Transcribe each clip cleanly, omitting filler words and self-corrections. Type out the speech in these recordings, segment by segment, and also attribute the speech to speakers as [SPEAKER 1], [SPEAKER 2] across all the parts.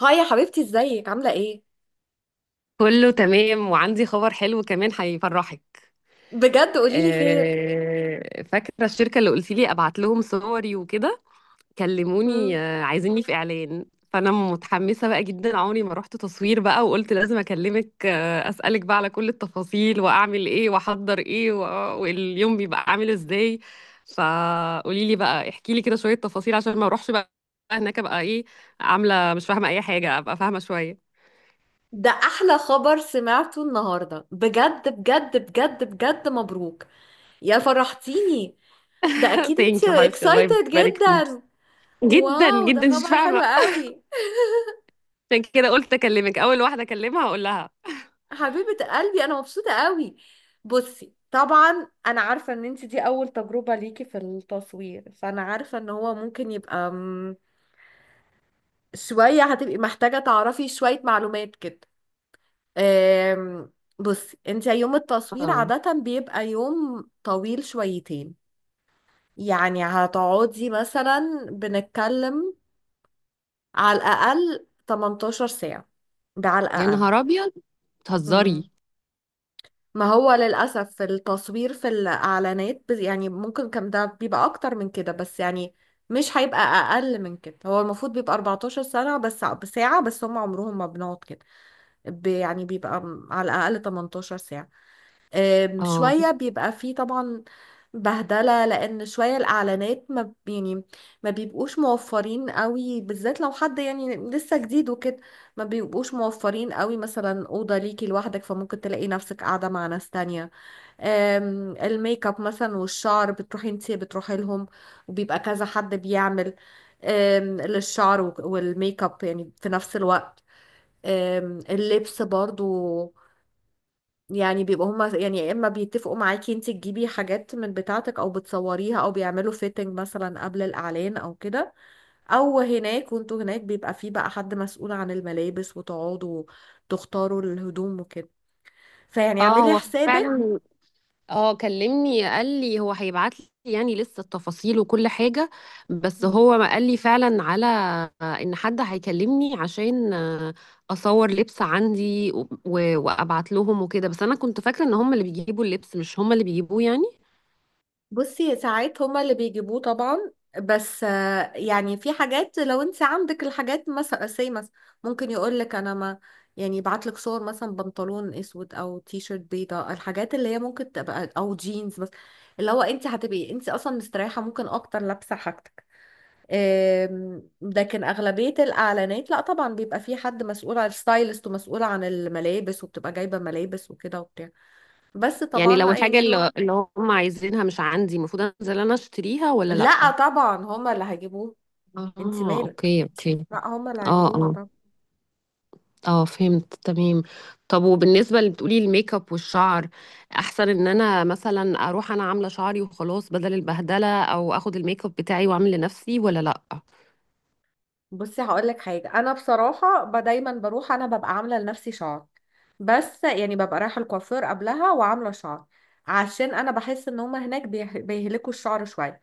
[SPEAKER 1] هاي يا حبيبتي، ازيك؟ عاملة ايه؟
[SPEAKER 2] كله تمام، وعندي خبر حلو كمان هيفرحك.
[SPEAKER 1] بجد قوليلي خير.
[SPEAKER 2] فاكرة الشركة اللي قلت لي ابعت لهم صوري وكده؟ كلموني،
[SPEAKER 1] مم.
[SPEAKER 2] عايزيني في اعلان. فانا متحمسة بقى جدا، عمري ما رحت تصوير بقى، وقلت لازم اكلمك، اسألك بقى على كل التفاصيل، واعمل ايه، واحضر ايه، واليوم بيبقى عامل ازاي. فقولي لي بقى، احكي لي كده شوية تفاصيل عشان ما اروحش بقى هناك ابقى ايه، عاملة مش فاهمة اي حاجة، ابقى فاهمة شوية.
[SPEAKER 1] ده احلى خبر سمعته النهاردة بجد بجد بجد بجد. مبروك يا فرحتيني. ده اكيد
[SPEAKER 2] ثانك يو
[SPEAKER 1] انتي
[SPEAKER 2] حبيبتي، الله
[SPEAKER 1] اكسايتد
[SPEAKER 2] يبارك فيك.
[SPEAKER 1] جدا.
[SPEAKER 2] جدًا،
[SPEAKER 1] واو، ده
[SPEAKER 2] جدًا، مش
[SPEAKER 1] خبر حلو
[SPEAKER 2] فاهمة.
[SPEAKER 1] قوي.
[SPEAKER 2] عشان كده قُلت أكلمِك، أول واحدة أكلمها هاقول لها.
[SPEAKER 1] حبيبة قلبي انا مبسوطة قوي. بصي طبعا انا عارفة ان انتي دي اول تجربة ليكي في التصوير، فانا عارفة ان هو ممكن يبقى شوية. هتبقي محتاجة تعرفي شوية معلومات كده. آم، بصي انت يوم التصوير
[SPEAKER 2] آه،
[SPEAKER 1] عادة بيبقى يوم طويل شويتين. يعني هتقعدي مثلا بنتكلم على الأقل 18 ساعة، ده على
[SPEAKER 2] يا
[SPEAKER 1] الأقل.
[SPEAKER 2] نهار أبيض!
[SPEAKER 1] مم.
[SPEAKER 2] بتهزري!
[SPEAKER 1] ما هو للأسف في التصوير في الإعلانات يعني ممكن كان ده بيبقى أكتر من كده، بس يعني مش هيبقى أقل من كده. هو المفروض بيبقى 14 سنة بس ساعة، بس هم عمرهم ما بنقعد كده. يعني بيبقى على الأقل 18 ساعة.
[SPEAKER 2] آه.
[SPEAKER 1] شوية بيبقى فيه طبعا بهدلة، لأن شوية الإعلانات ما ب- يعني ما بيبقوش موفرين قوي بالذات لو حد يعني لسه جديد وكده. ما بيبقوش موفرين قوي مثلا أوضة ليكي لوحدك، فممكن تلاقي نفسك قاعدة مع ناس تانية. الميك اب مثلا والشعر بتروحي انتي بتروحي لهم، وبيبقى كذا حد بيعمل للشعر والميك اب يعني في نفس الوقت. اللبس برضو، يعني بيبقى هما يعني يا اما بيتفقوا معاكي انت تجيبي حاجات من بتاعتك او بتصوريها او بيعملوا فيتنج مثلا قبل الاعلان او كده، او هناك وانتوا هناك بيبقى في بقى حد مسؤول عن الملابس وتقعدوا تختاروا الهدوم وكده. فيعني
[SPEAKER 2] آه،
[SPEAKER 1] اعملي
[SPEAKER 2] هو
[SPEAKER 1] حسابك.
[SPEAKER 2] فعلًا. آه، كلمني قال لي هو هيبعت لي يعني لسه التفاصيل وكل حاجة، بس هو ما قال لي فعلًا على إن حد هيكلمني عشان أصور لبس عندي وأبعت لهم وكده. بس أنا كنت فاكرة إن هم اللي بيجيبوا اللبس، مش هم اللي بيجيبوه يعني؟
[SPEAKER 1] بصي ساعات هما اللي بيجيبوه طبعا، بس يعني في حاجات لو انت عندك الحاجات مثلا سي مثلا، ممكن يقول لك انا ما يعني يبعت لك صور مثلا بنطلون اسود او تي شيرت بيضاء، الحاجات اللي هي ممكن تبقى او جينز بس، اللي هو انت هتبقي انت اصلا مستريحه ممكن اكتر لابسه حاجتك. لكن اغلبيه الاعلانات لا طبعا بيبقى في حد مسؤول عن الستايلست ومسؤول عن الملابس، وبتبقى جايبه ملابس وكده وبتاع، بس
[SPEAKER 2] يعني لو
[SPEAKER 1] طبعا
[SPEAKER 2] الحاجة
[SPEAKER 1] يعني له.
[SPEAKER 2] اللي هم عايزينها مش عندي، المفروض انزل انا اشتريها ولا
[SPEAKER 1] لا
[SPEAKER 2] لأ؟
[SPEAKER 1] طبعا هما اللي هيجيبوه، انت
[SPEAKER 2] اه،
[SPEAKER 1] مالك.
[SPEAKER 2] اوكي اوكي.
[SPEAKER 1] لا هما اللي
[SPEAKER 2] اه
[SPEAKER 1] هيجيبوها
[SPEAKER 2] اه،
[SPEAKER 1] طبعا.
[SPEAKER 2] اه فهمت تمام. طب وبالنسبة اللي بتقولي الميك اب والشعر، احسن ان انا مثلا اروح انا عاملة شعري وخلاص بدل البهدلة، او اخد الميك اب بتاعي واعمل لنفسي ولا لأ؟
[SPEAKER 1] بصي هقول لك حاجه، انا بصراحه دايما بروح انا ببقى عامله لنفسي شعر، بس يعني ببقى رايحه الكوافير قبلها وعامله شعر، عشان انا بحس ان هما هناك بيهلكوا الشعر شويه.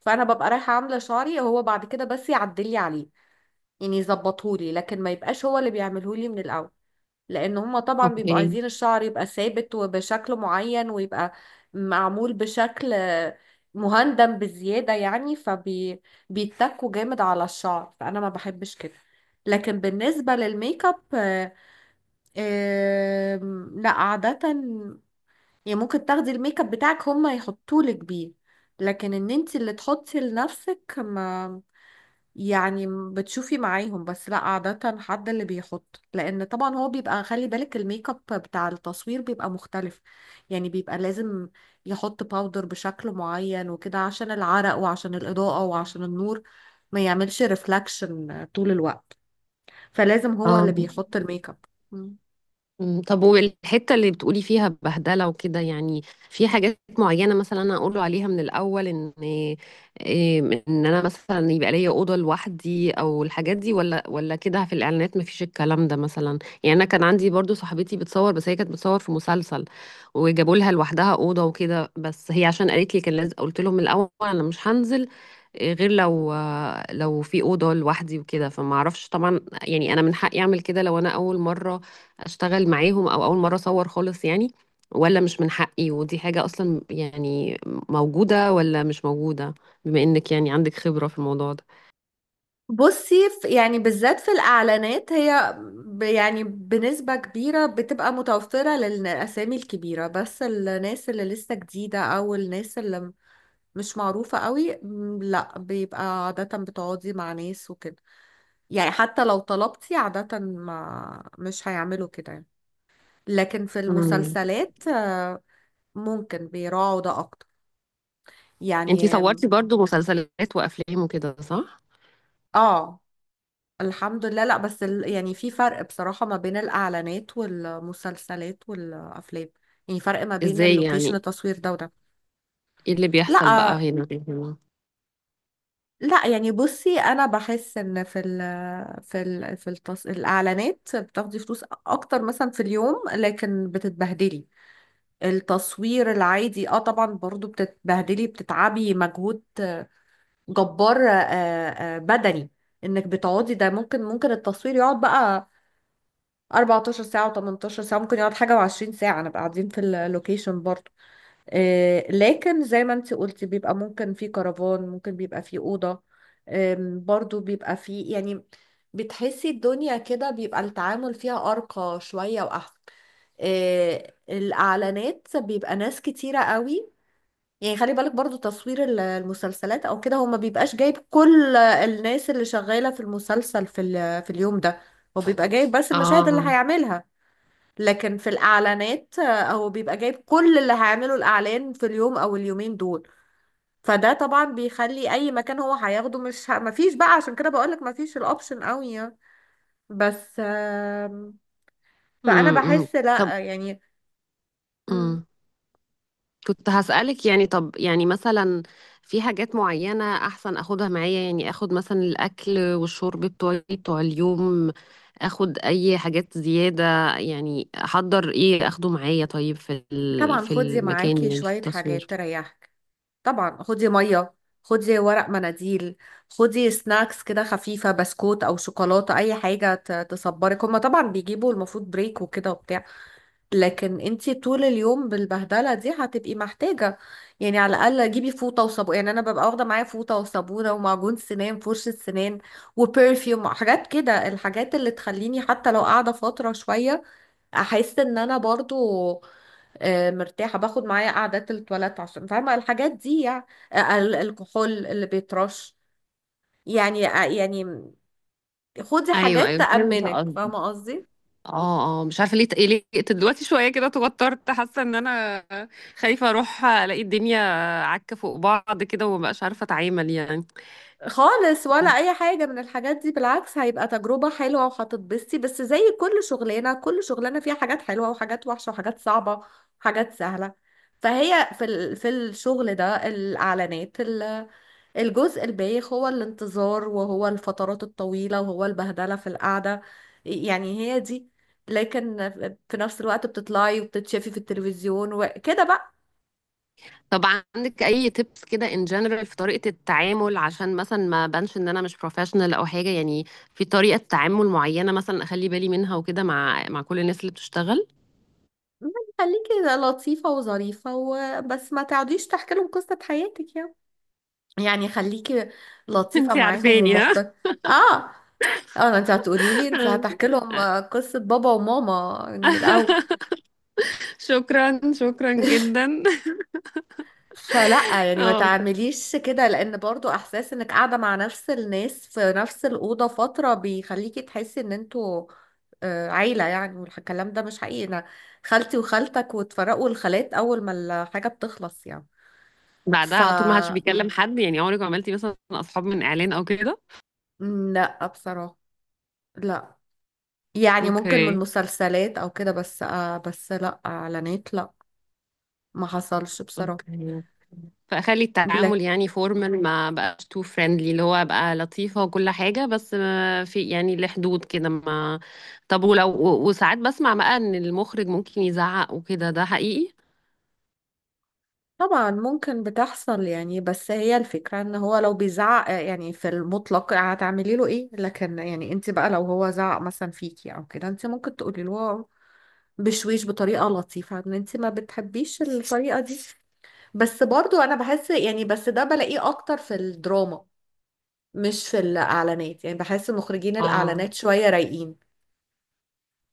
[SPEAKER 1] فانا ببقى رايحه عامله شعري، هو بعد كده بس يعدلي عليه، يعني يظبطهولي، لكن ما يبقاش هو اللي بيعملهولي من الاول، لان هما طبعا بيبقوا
[SPEAKER 2] اوكي.
[SPEAKER 1] عايزين الشعر يبقى ثابت وبشكل معين، ويبقى معمول بشكل مهندم بزيادة يعني، فبيتكوا جامد على الشعر، فانا ما بحبش كده. لكن بالنسبة للميك اب لا عادة يعني ممكن تاخدي الميك اب بتاعك هما يحطولك بيه، لكن ان انت اللي تحطي لنفسك ما يعني بتشوفي معاهم، بس لا عادة حد اللي بيحط، لأن طبعا هو بيبقى خلي بالك الميك اب بتاع التصوير بيبقى مختلف، يعني بيبقى لازم يحط باودر بشكل معين وكده عشان العرق وعشان الإضاءة وعشان النور ما يعملش ريفلاكشن طول الوقت. فلازم هو
[SPEAKER 2] اه.
[SPEAKER 1] اللي بيحط الميك اب.
[SPEAKER 2] مم. طب والحتة اللي بتقولي فيها بهدلة وكده، يعني في حاجات معينة مثلا أنا أقوله عليها من الأول، إن إيه، إن أنا مثلا يبقى ليا أوضة لوحدي أو الحاجات دي ولا كده في الإعلانات مفيش الكلام ده مثلا؟ يعني أنا كان عندي برضو صاحبتي بتصور، بس هي كانت بتصور في مسلسل، وجابوا لها لوحدها أوضة وكده، بس هي عشان قالت لي كان لازم قلت لهم من الأول أنا مش هنزل غير لو في اوضه لوحدي وكده. فما اعرفش طبعا يعني، انا من حقي اعمل كده لو انا اول مره اشتغل معاهم او اول مره اصور خالص يعني، ولا مش من حقي، ودي حاجه اصلا يعني موجوده ولا مش موجوده، بما انك يعني عندك خبره في الموضوع ده؟
[SPEAKER 1] بصي يعني بالذات في الإعلانات هي يعني بنسبة كبيرة بتبقى متوفرة للأسامي الكبيرة، بس الناس اللي لسه جديدة أو الناس اللي مش معروفة قوي لا بيبقى عادة بتقعدي مع ناس وكده. يعني حتى لو طلبتي عادة ما مش هيعملوا كده يعني. لكن في
[SPEAKER 2] امم.
[SPEAKER 1] المسلسلات ممكن بيراعوا ده أكتر
[SPEAKER 2] انتي
[SPEAKER 1] يعني.
[SPEAKER 2] صورتي برضو مسلسلات وافلام وكده، صح؟
[SPEAKER 1] اه، الحمد لله. لا بس يعني في فرق بصراحة ما بين الإعلانات والمسلسلات والأفلام، يعني فرق ما بين
[SPEAKER 2] ازاي
[SPEAKER 1] اللوكيشن
[SPEAKER 2] يعني؟
[SPEAKER 1] التصوير ده وده.
[SPEAKER 2] ايه اللي
[SPEAKER 1] لا،
[SPEAKER 2] بيحصل بقى هنا؟
[SPEAKER 1] لا، يعني بصي أنا بحس إن في في في الإعلانات بتاخدي فلوس أكتر مثلا في اليوم، لكن بتتبهدلي. التصوير العادي اه طبعا برضو بتتبهدلي، بتتعبي مجهود جبار، بدني، انك بتقعدي. ده ممكن التصوير يقعد بقى 14 ساعة و18 ساعة، ممكن يقعد حاجة و20 ساعة نبقى قاعدين في اللوكيشن برضو. لكن زي ما انت قلتي بيبقى ممكن في كرفان، ممكن بيبقى في أوضة. برضو بيبقى في، يعني بتحسي الدنيا كده بيبقى التعامل فيها أرقى شوية وأحسن. الإعلانات بيبقى ناس كتيرة قوي، يعني خلي بالك برضو تصوير المسلسلات او كده هو ما بيبقاش جايب كل الناس اللي شغالة في المسلسل في في اليوم ده. هو بيبقى جايب بس المشاهد اللي
[SPEAKER 2] اه.
[SPEAKER 1] هيعملها. لكن في الإعلانات هو بيبقى جايب كل اللي هيعمله الإعلان في اليوم أو اليومين دول. فده طبعا بيخلي أي مكان هو هياخده مش مفيش بقى. عشان كده بقولك مفيش الأوبشن قوي يعني. بس فأنا
[SPEAKER 2] امم
[SPEAKER 1] بحس
[SPEAKER 2] طب.
[SPEAKER 1] لأ يعني. مم،
[SPEAKER 2] مم. كنت هسألك يعني، طب يعني مثلا في حاجات معينة أحسن أخدها معايا، يعني أخد مثلا الأكل والشرب بتوعي بتوع اليوم، أخد أي حاجات زيادة، يعني أحضر إيه أخده معايا طيب في ال-
[SPEAKER 1] طبعا
[SPEAKER 2] في
[SPEAKER 1] خدي
[SPEAKER 2] المكان
[SPEAKER 1] معاكي
[SPEAKER 2] يعني في
[SPEAKER 1] شوية
[SPEAKER 2] التصوير؟
[SPEAKER 1] حاجات تريحك. طبعا خدي مية، خدي ورق مناديل، خدي سناكس كده خفيفة، بسكوت أو شوكولاتة أي حاجة تصبرك. هما طبعا بيجيبوا المفروض بريك وكده وبتاع، لكن انتي طول اليوم بالبهدله دي هتبقي محتاجه. يعني على الاقل جيبي فوطه وصابون، يعني انا ببقى واخده معايا فوطه وصابونه ومعجون سنان فرشه سنان وبرفيوم، حاجات كده، الحاجات اللي تخليني حتى لو قاعده فتره شويه احس ان انا برضو مرتاحه. باخد معايا قعدات التواليت عشان فاهمه الحاجات دي يعني. الكحول اللي بيترش، يعني يعني خدي
[SPEAKER 2] ايوه
[SPEAKER 1] حاجات
[SPEAKER 2] ايوه، فهمت
[SPEAKER 1] تأمنك،
[SPEAKER 2] قصدي.
[SPEAKER 1] فاهمه قصدي.
[SPEAKER 2] اه اه، مش عارفه ليه قلقت دلوقتي شويه كده، توترت، حاسه ان انا خايفه اروح الاقي الدنيا عكه فوق بعض كده ومبقاش عارفه اتعامل يعني.
[SPEAKER 1] خالص ولا اي حاجه من الحاجات دي، بالعكس هيبقى تجربه حلوه وهتتبسطي، بس زي كل شغلانه كل شغلانه فيها حاجات حلوه وحاجات وحشه وحاجات صعبه وحاجات سهله. فهي في في الشغل ده الاعلانات الجزء البايخ هو الانتظار وهو الفترات الطويله وهو البهدله في القعده، يعني هي دي. لكن في نفس الوقت بتطلعي وبتتشافي في التلفزيون وكده بقى.
[SPEAKER 2] طب عندك اي تيبس كده ان جنرال في طريقة التعامل، عشان مثلا ما بانش ان انا مش بروفيشنال او حاجة يعني، في طريقة تعامل معينة مثلا اخلي بالي منها وكده مع كل الناس اللي بتشتغل؟
[SPEAKER 1] يعني خليكي لطيفه وظريفه وبس، ما تقعديش تحكي لهم قصه حياتك يعني. يعني خليكي لطيفة
[SPEAKER 2] انتي
[SPEAKER 1] معاهم
[SPEAKER 2] عارفاني، ها.
[SPEAKER 1] ومحترمة. اه، اه، انت هتقولي لي انت هتحكي لهم قصة بابا وماما من الاول.
[SPEAKER 2] شكرا، شكرا جدا.
[SPEAKER 1] فلا يعني ما
[SPEAKER 2] اه.
[SPEAKER 1] تعمليش كده، لان برضو احساس انك قاعدة مع نفس الناس في نفس الأوضة فترة بيخليكي تحسي ان انتوا عيلة يعني، والكلام ده مش حقيقي. انا خالتي وخالتك، وتفرقوا الخالات اول ما الحاجة بتخلص يعني.
[SPEAKER 2] بعدها
[SPEAKER 1] ف،
[SPEAKER 2] على طول ما حدش بيكلم حد يعني؟ عمرك ما عملتي مثلا اصحاب من اعلان او كده؟
[SPEAKER 1] لا بصراحة، لا. يعني ممكن من
[SPEAKER 2] اوكي،
[SPEAKER 1] مسلسلات او كده، بس لا اعلانات، لا. ما حصلش بصراحة.
[SPEAKER 2] اوكي. فاخلي التعامل
[SPEAKER 1] لك،
[SPEAKER 2] يعني فورمال، ما بقاش تو فريندلي، اللي هو ابقى لطيفه وكل حاجه، بس ما في يعني لحدود كده ما. طب ولو وساعات بسمع بقى ان المخرج ممكن يزعق وكده، ده حقيقي؟
[SPEAKER 1] طبعا ممكن بتحصل يعني، بس هي الفكرة ان هو لو بيزعق يعني في المطلق هتعملي له ايه؟ لكن يعني انت بقى لو هو زعق مثلا فيكي او كده انت ممكن تقولي له بشويش بطريقة لطيفة ان انت ما بتحبيش الطريقة دي. بس برضو انا بحس يعني، بس ده بلاقيه اكتر في الدراما مش في الاعلانات يعني. بحس مخرجين
[SPEAKER 2] اه،
[SPEAKER 1] الاعلانات شوية رايقين،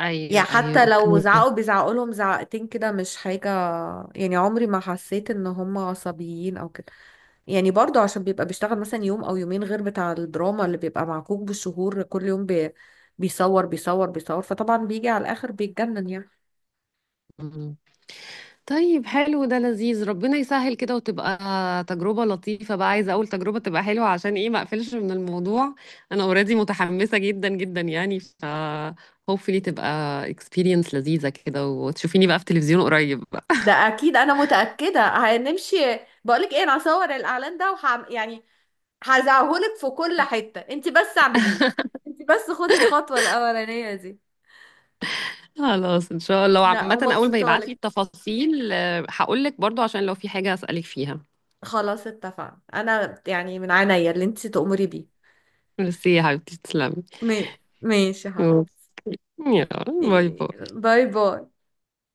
[SPEAKER 2] ايوه
[SPEAKER 1] يعني
[SPEAKER 2] ايوه،
[SPEAKER 1] حتى
[SPEAKER 2] اوكي.
[SPEAKER 1] لو زعقوا بيزعقوا لهم زعقتين كده، مش حاجة يعني. عمري ما حسيت ان هم عصبيين او كده، يعني برضو عشان بيبقى بيشتغل مثلا يوم او يومين، غير بتاع الدراما اللي بيبقى معكوك بالشهور كل يوم بيصور بيصور بيصور، فطبعا بيجي على الاخر بيتجنن يعني.
[SPEAKER 2] طيب، حلو، ده لذيذ. ربنا يسهل كده وتبقى تجربة لطيفة بقى. عايزة أول تجربة تبقى حلوة عشان إيه ما أقفلش من الموضوع. أنا أوريدي متحمسة جدا جدا يعني، ف hopefully تبقى experience لذيذة كده، وتشوفيني بقى في تلفزيون قريب بقى.
[SPEAKER 1] ده اكيد انا متأكدة هنمشي. بقولك ايه، انا هصور الاعلان ده يعني هزعهولك في كل حتة، انت بس اعمليه، انت بس خدي الخطوة الاولانية دي.
[SPEAKER 2] خلاص إن شاء الله.
[SPEAKER 1] لا
[SPEAKER 2] وعامة أول ما
[SPEAKER 1] ومبسوطة.
[SPEAKER 2] يبعتلي التفاصيل هقولك برضو عشان لو في حاجة أسألك فيها.
[SPEAKER 1] خلاص اتفقنا، انا يعني من عينيا اللي انت تأمري بيه.
[SPEAKER 2] ميرسي يا حبيبتي، تسلمي.
[SPEAKER 1] ما- ماشي يا حبيبتي.
[SPEAKER 2] يلا، باي باي.
[SPEAKER 1] باي باي.